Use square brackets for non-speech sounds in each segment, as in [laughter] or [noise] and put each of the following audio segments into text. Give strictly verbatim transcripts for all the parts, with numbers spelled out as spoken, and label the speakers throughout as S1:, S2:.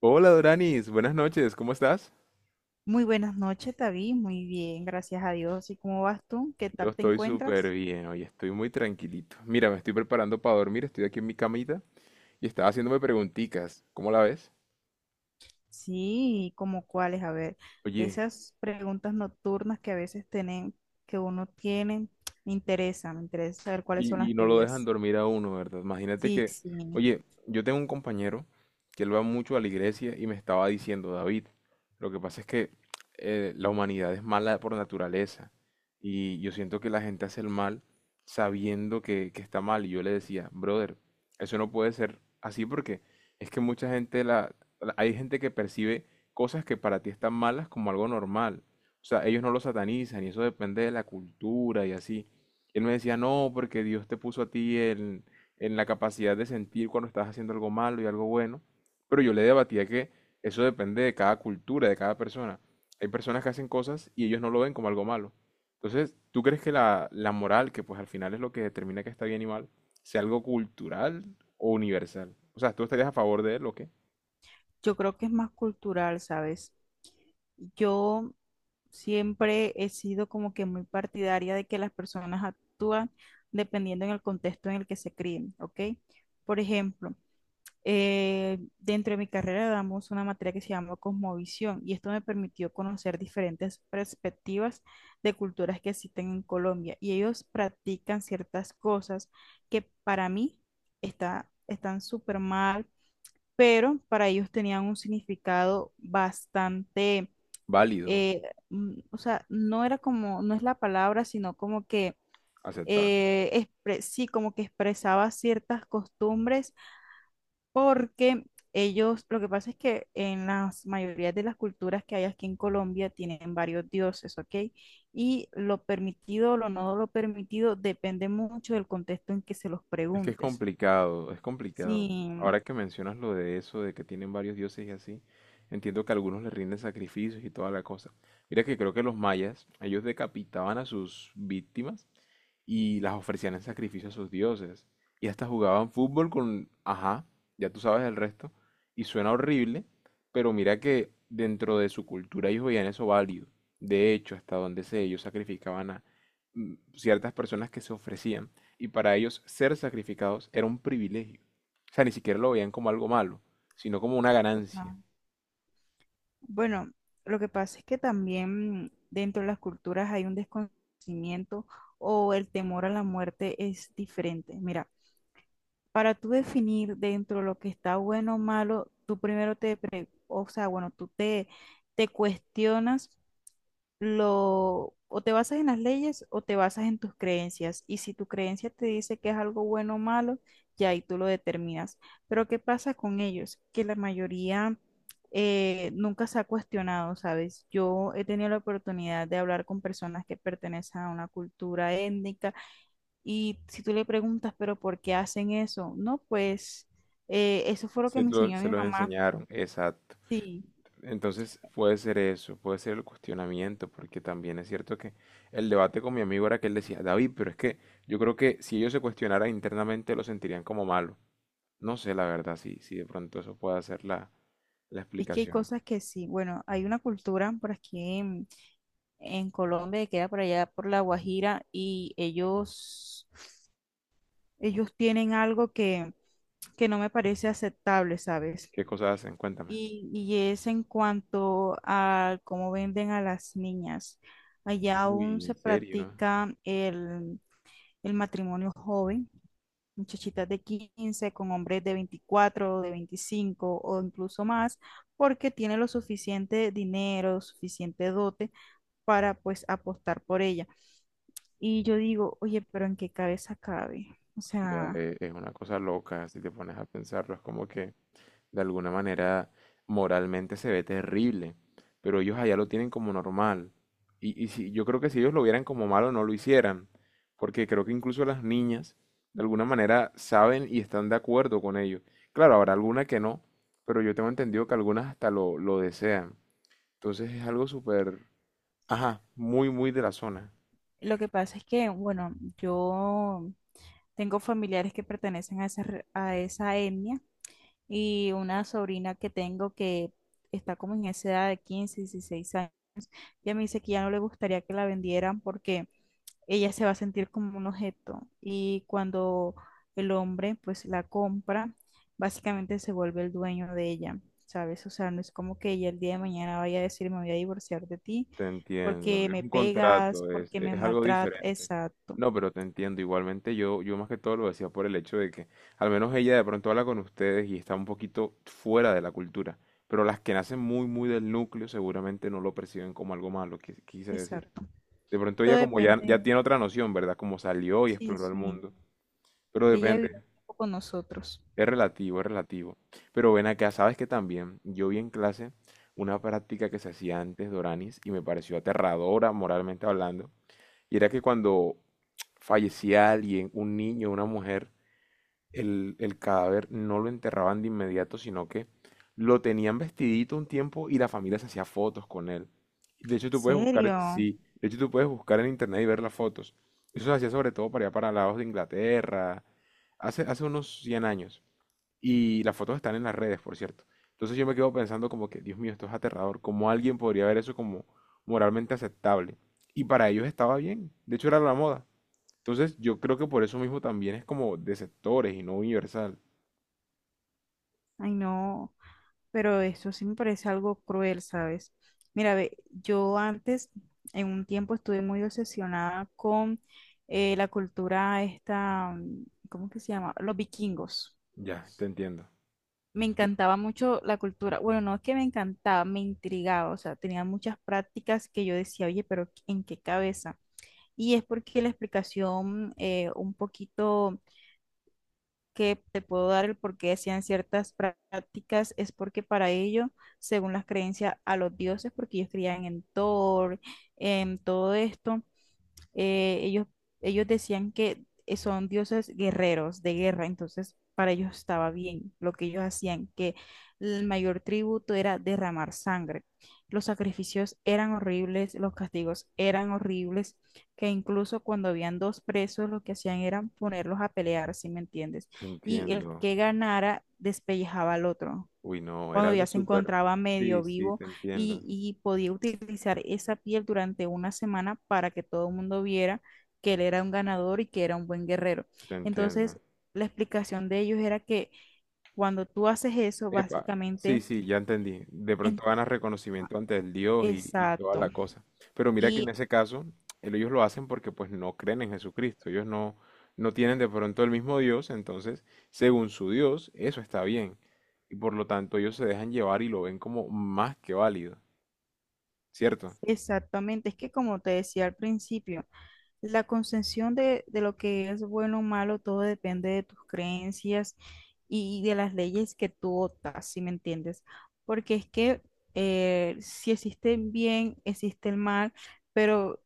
S1: Hola Doranis, buenas noches, ¿cómo estás?
S2: Muy buenas noches, David. Muy bien, gracias a Dios. ¿Y cómo vas tú? ¿Qué
S1: Yo
S2: tal te
S1: estoy súper
S2: encuentras?
S1: bien, hoy estoy muy tranquilito. Mira, me estoy preparando para dormir, estoy aquí en mi camita y estaba haciéndome preguntitas. ¿Cómo la ves?
S2: Sí, ¿y cómo cuáles? A ver,
S1: Oye,
S2: esas preguntas nocturnas que a veces tienen, que uno tiene, me interesa, me interesa saber cuáles son
S1: Y, y
S2: las
S1: no lo dejan
S2: tuyas.
S1: dormir a uno, ¿verdad? Imagínate
S2: Sí,
S1: que,
S2: sí.
S1: oye, yo tengo un compañero que él va mucho a la iglesia y me estaba diciendo, David, lo que pasa es que eh, la humanidad es mala por naturaleza y yo siento que la gente hace el mal sabiendo que, que está mal. Y yo le decía, brother, eso no puede ser así porque es que mucha gente, la, la- hay gente que percibe cosas que para ti están malas como algo normal. O sea, ellos no lo satanizan y eso depende de la cultura y así. Él me decía, no, porque Dios te puso a ti en, en la capacidad de sentir cuando estás haciendo algo malo y algo bueno. Pero yo le debatía que eso depende de cada cultura, de cada persona. Hay personas que hacen cosas y ellos no lo ven como algo malo. Entonces, ¿tú crees que la, la moral, que pues al final es lo que determina que está bien y mal, sea algo cultural o universal? O sea, ¿tú estarías a favor de él o qué?
S2: Yo creo que es más cultural, ¿sabes? Yo siempre he sido como que muy partidaria de que las personas actúan dependiendo en el contexto en el que se críen, ¿ok? Por ejemplo, eh, dentro de mi carrera damos una materia que se llama Cosmovisión y esto me permitió conocer diferentes perspectivas de culturas que existen en Colombia y ellos practican ciertas cosas que para mí está, están súper mal, pero para ellos tenían un significado bastante,
S1: Válido,
S2: eh, mm, o sea, no era como, no es la palabra, sino como que...
S1: aceptable.
S2: eh, expre- sí, como que expresaba ciertas costumbres porque ellos, lo que pasa es que en las mayorías de las culturas que hay aquí en Colombia tienen varios dioses, ¿ok? Y lo permitido o lo no lo permitido depende mucho del contexto en que se los
S1: Es que es
S2: preguntes.
S1: complicado, es complicado.
S2: Sí,
S1: Ahora que mencionas lo de eso, de que tienen varios dioses y así, entiendo que algunos les rinden sacrificios y toda la cosa. Mira que creo que los mayas, ellos decapitaban a sus víctimas y las ofrecían en sacrificio a sus dioses. Y hasta jugaban fútbol con, ajá, ya tú sabes el resto. Y suena horrible, pero mira que dentro de su cultura ellos veían eso válido. De hecho, hasta donde sé, ellos sacrificaban a mm, ciertas personas que se ofrecían. Y para ellos ser sacrificados era un privilegio. O sea, ni siquiera lo veían como algo malo, sino como una ganancia.
S2: total. Bueno, lo que pasa es que también dentro de las culturas hay un desconocimiento o el temor a la muerte es diferente. Mira. Para tú definir dentro de lo que está bueno o malo, tú primero te, pre- o sea, bueno, tú te, te cuestionas lo, o te basas en las leyes o te basas en tus creencias. Y si tu creencia te dice que es algo bueno o malo, ya ahí tú lo determinas. Pero ¿qué pasa con ellos? Que la mayoría eh, nunca se ha cuestionado, ¿sabes? Yo he tenido la oportunidad de hablar con personas que pertenecen a una cultura étnica y si tú le preguntas, pero ¿por qué hacen eso? No, pues eh, eso fue lo que
S1: Se
S2: me
S1: lo,
S2: enseñó
S1: se
S2: mi
S1: los
S2: mamá.
S1: enseñaron, exacto.
S2: Sí,
S1: Entonces puede ser eso, puede ser el cuestionamiento, porque también es cierto que el debate con mi amigo era que él decía, David, pero es que yo creo que si ellos se cuestionaran internamente lo sentirían como malo. No sé, la verdad, si, si de pronto eso puede ser la, la
S2: es que hay
S1: explicación.
S2: cosas que sí. Bueno, hay una cultura por aquí en, en Colombia que queda por allá por La Guajira y ellos, ellos tienen algo que, que no me parece aceptable, ¿sabes?
S1: ¿Qué cosas hacen? Cuéntame.
S2: Y, y es en cuanto a cómo venden a las niñas. Allá aún
S1: Uy, ¿en
S2: se
S1: serio?
S2: practica el, el matrimonio joven, muchachitas de quince con hombres de veinticuatro, de veinticinco o incluso más, porque tiene lo suficiente dinero, suficiente dote para pues apostar por ella. Y yo digo, oye, pero ¿en qué cabeza cabe? O
S1: O sea,
S2: sea,
S1: e- es una cosa loca, si te pones a pensarlo, es como que de alguna manera moralmente se ve terrible, pero ellos allá lo tienen como normal. Y, y si, yo creo que si ellos lo vieran como malo no lo hicieran, porque creo que incluso las niñas de alguna manera saben y están de acuerdo con ello. Claro, habrá alguna que no, pero yo tengo entendido que algunas hasta lo, lo desean. Entonces es algo súper, ajá, muy, muy de la zona.
S2: lo que pasa es que, bueno, yo tengo familiares que pertenecen a esa, re- a esa etnia y una sobrina que tengo que está como en esa edad de quince, dieciséis años, ya me dice que ya no le gustaría que la vendieran porque ella se va a sentir como un objeto y cuando el hombre pues la compra, básicamente se vuelve el dueño de ella, ¿sabes? O sea, no es como que ella el día de mañana vaya a decir me voy a divorciar de ti
S1: Te entiendo,
S2: porque
S1: es
S2: me
S1: un
S2: pegas,
S1: contrato, es,
S2: porque me
S1: es algo
S2: maltrata,
S1: diferente.
S2: exacto,
S1: No, pero te entiendo, igualmente yo, yo más que todo lo decía por el hecho de que al menos ella de pronto habla con ustedes y está un poquito fuera de la cultura, pero las que nacen muy, muy del núcleo seguramente no lo perciben como algo malo, quis- quise decir.
S2: exacto.
S1: De pronto
S2: Todo
S1: ella como ya, ya
S2: depende,
S1: tiene otra noción, ¿verdad? Como salió y
S2: sí,
S1: exploró el
S2: sí,
S1: mundo, pero
S2: ella
S1: depende.
S2: vive un poco con nosotros.
S1: Es relativo, es relativo. Pero ven acá, sabes que también yo vi en clase una práctica que se hacía antes doranis, y me pareció aterradora moralmente hablando. Y era que cuando fallecía alguien, un niño, una mujer, el, el cadáver no lo enterraban de inmediato, sino que lo tenían vestidito un tiempo y la familia se hacía fotos con él. De hecho, tú puedes buscar,
S2: ¿Serio?
S1: sí, de hecho, tú puedes buscar en internet y ver las fotos. Eso se hacía sobre todo para allá para lados de Inglaterra, hace, hace unos cien años. Y las fotos están en las redes, por cierto. Entonces yo me quedo pensando como que, Dios mío, esto es aterrador. ¿Cómo alguien podría ver eso como moralmente aceptable? Y para ellos estaba bien. De hecho, era la moda. Entonces yo creo que por eso mismo también es como de sectores y no universal.
S2: Ay, no. Pero eso sí me parece algo cruel, ¿sabes? Mira, ve, yo antes, en un tiempo, estuve muy obsesionada con eh, la cultura esta, mm, ¿cómo que se llama? Los vikingos.
S1: Ya, te entiendo.
S2: Me encantaba mucho la cultura. Bueno, no es que me encantaba, me intrigaba. O sea, tenía muchas prácticas que yo decía, oye, pero ¿en qué cabeza? Y es porque la explicación eh, un poquito que te puedo dar el por qué hacían ciertas prácticas es porque para ellos, según las creencias a los dioses, porque ellos creían en Thor, en todo esto, eh, ellos, ellos decían que eh, son dioses guerreros de guerra, entonces para ellos estaba bien lo que ellos hacían, que el mayor tributo era derramar sangre. Los sacrificios eran horribles, los castigos eran horribles, que incluso cuando habían dos presos lo que hacían era ponerlos a pelear, ¿si me entiendes?
S1: Te
S2: Y el
S1: entiendo.
S2: que ganara despellejaba al otro
S1: Uy, no, era
S2: cuando ya
S1: algo
S2: se
S1: súper.
S2: encontraba
S1: Sí,
S2: medio
S1: sí,
S2: vivo
S1: te entiendo.
S2: y, y podía utilizar esa piel durante una semana para que todo el mundo viera que él era un ganador y que era un buen guerrero.
S1: Te
S2: Entonces,
S1: entiendo.
S2: la explicación de ellos era que cuando tú haces eso,
S1: Epa, sí,
S2: básicamente,
S1: sí, ya entendí. De
S2: en-
S1: pronto ganas reconocimiento ante el Dios y, y toda
S2: exacto.
S1: la cosa. Pero mira que en
S2: Y
S1: ese caso, el- ellos lo hacen porque pues no creen en Jesucristo. Ellos no, no tienen de pronto el mismo Dios, entonces, según su Dios, eso está bien. Y por lo tanto, ellos se dejan llevar y lo ven como más que válido, ¿cierto?
S2: exactamente, es que como te decía al principio, la concepción de, de lo que es bueno o malo, todo depende de tus creencias y de las leyes que tú optas, si me entiendes. Porque es que eh, si existe el bien, existe el mal, pero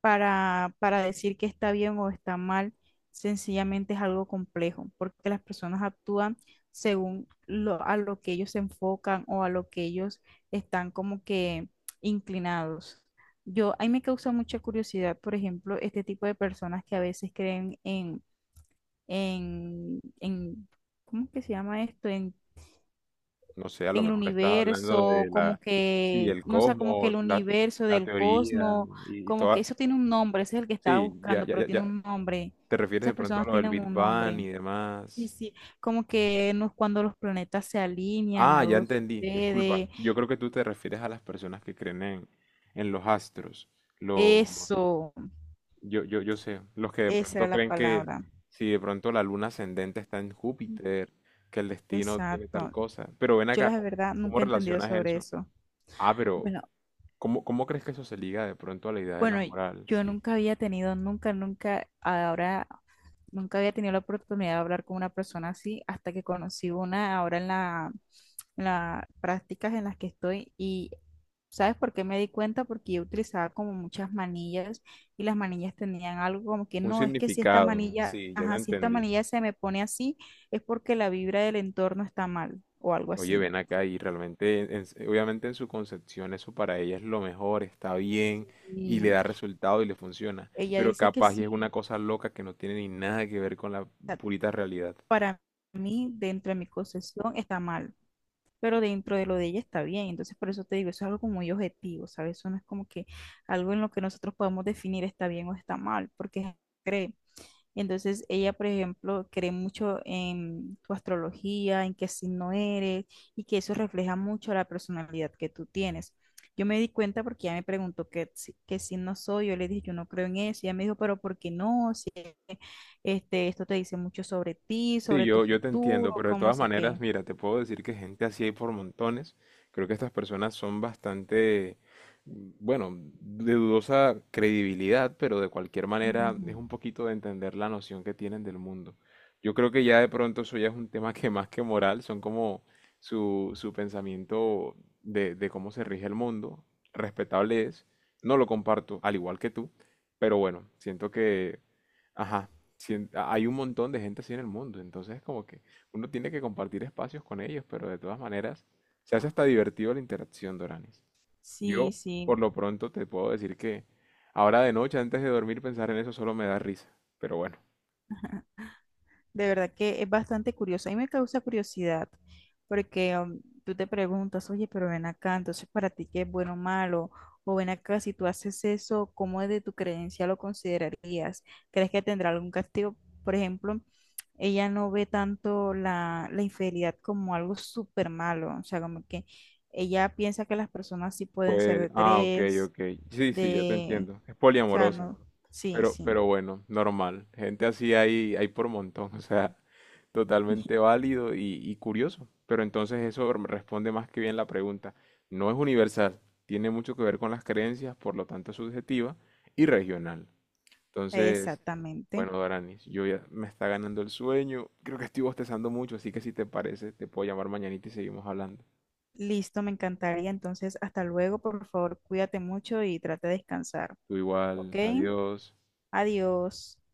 S2: para, para decir que está bien o está mal, sencillamente es algo complejo, porque las personas actúan según lo, a lo que ellos se enfocan o a lo que ellos están como que inclinados. Yo, a mí me causa mucha curiosidad, por ejemplo, este tipo de personas que a veces creen en, en, en, ¿cómo que se llama esto? En
S1: No sé, a lo
S2: en el
S1: mejor estás hablando
S2: universo,
S1: de la,
S2: como
S1: sí,
S2: que,
S1: el
S2: no sé, como que
S1: cosmos,
S2: el
S1: la,
S2: universo
S1: la
S2: del
S1: teoría
S2: cosmos,
S1: y, y
S2: como que
S1: toda...
S2: eso tiene un nombre, ese es el que estaba
S1: Sí, ya,
S2: buscando,
S1: ya,
S2: pero
S1: ya,
S2: tiene
S1: ya.
S2: un nombre.
S1: ¿Te refieres de
S2: Esas
S1: pronto a
S2: personas
S1: lo del
S2: tienen
S1: Big
S2: un
S1: Bang
S2: nombre.
S1: y
S2: Sí,
S1: demás?
S2: sí, como que no es cuando los planetas se alinean,
S1: Ah, ya
S2: algo
S1: entendí, disculpa.
S2: sucede.
S1: Yo creo que tú te refieres a las personas que creen en, en los astros, los,
S2: Eso,
S1: yo, yo, yo sé, los que de
S2: esa
S1: pronto
S2: era la
S1: creen que
S2: palabra.
S1: si de pronto la luna ascendente está en Júpiter, que el destino tiene tal
S2: Exacto.
S1: cosa. Pero ven
S2: Yo
S1: acá,
S2: la
S1: ¿cómo,
S2: verdad
S1: cómo
S2: nunca he entendido
S1: relacionas
S2: sobre
S1: eso?
S2: eso.
S1: Ah, pero
S2: Bueno,
S1: ¿cómo, cómo crees que eso se liga de pronto a la idea de la
S2: Bueno,
S1: moral?
S2: yo
S1: Sí.
S2: nunca había tenido, nunca, nunca, ahora, nunca había tenido la oportunidad de hablar con una persona así hasta que conocí una ahora en la, en las prácticas en las que estoy y ¿sabes por qué me di cuenta? Porque yo utilizaba como muchas manillas y las manillas tenían algo como que
S1: Un
S2: no, es que si esta
S1: significado,
S2: manilla,
S1: sí, ya te
S2: ajá, si esta
S1: entendí.
S2: manilla se me pone así es porque la vibra del entorno está mal o algo
S1: Oye,
S2: así.
S1: ven acá y realmente, en- en- obviamente en su concepción eso para ella es lo mejor, está bien y le
S2: Y
S1: da resultado y le funciona,
S2: ella
S1: pero
S2: dice que
S1: capaz y es una
S2: sí,
S1: cosa loca que no tiene ni nada que ver con la
S2: o sea,
S1: purita realidad.
S2: para mí dentro de mi concesión está mal. Pero dentro de lo de ella está bien. Entonces, por eso te digo, eso es algo como muy objetivo, ¿sabes? Eso no es como que algo en lo que nosotros podamos definir está bien o está mal, porque cree. Entonces, ella, por ejemplo, cree mucho en tu astrología, en qué signo eres y que eso refleja mucho la personalidad que tú tienes. Yo me di cuenta porque ella me preguntó qué, si- qué signo soy, yo le dije, yo no creo en eso, y ella me dijo, pero ¿por qué no? Si este, esto te dice mucho sobre ti,
S1: Sí,
S2: sobre tu
S1: yo, yo te entiendo,
S2: futuro,
S1: pero de
S2: cómo
S1: todas
S2: sé
S1: maneras,
S2: qué.
S1: mira, te puedo decir que gente así hay por montones. Creo que estas personas son bastante, bueno, de dudosa credibilidad, pero de cualquier manera es
S2: Ujú.
S1: un poquito de entender la noción que tienen del mundo. Yo creo que ya de pronto eso ya es un tema que más que moral, son como su, su pensamiento de, de cómo se rige el mundo. Respetable es, no lo comparto, al igual que tú, pero bueno, siento que... Ajá, sien- hay un montón de gente así en el mundo, entonces como que uno tiene que compartir espacios con ellos, pero de todas maneras se hace hasta divertido la interacción, Doranis.
S2: Sí,
S1: Yo, por
S2: sí.
S1: lo pronto, te puedo decir que ahora de noche, antes de dormir, pensar en eso solo me da risa, pero bueno,
S2: De verdad que es bastante curioso. A mí me causa curiosidad porque um, tú te preguntas, oye, pero ven acá, entonces para ti qué es bueno o malo, o ven acá, si tú haces eso, ¿cómo de tu creencia lo considerarías? ¿Crees que tendrá algún castigo? Por ejemplo, ella no ve tanto la, la infidelidad como algo súper malo, o sea, como que ella piensa que las personas sí pueden ser
S1: pues,
S2: de
S1: ah, ok,
S2: tres,
S1: ok, sí, sí, ya te
S2: de,
S1: entiendo, es
S2: o sea,
S1: poliamorosa.
S2: no, sí,
S1: Pero,
S2: sí,
S1: pero bueno, normal. Gente así hay, hay por montón, [laughs] o sea, totalmente
S2: [laughs]
S1: válido y, y curioso. Pero entonces eso r- responde más que bien la pregunta. No es universal, tiene mucho que ver con las creencias, por lo tanto es subjetiva y regional. Entonces,
S2: exactamente.
S1: bueno, Doranis, yo ya me está ganando el sueño. Creo que estoy bostezando mucho, así que si te parece, te puedo llamar mañanita y seguimos hablando.
S2: Listo, me encantaría. Entonces, hasta luego, por favor, cuídate mucho y trata de descansar,
S1: Tú
S2: ¿ok?
S1: igual, adiós.
S2: Adiós.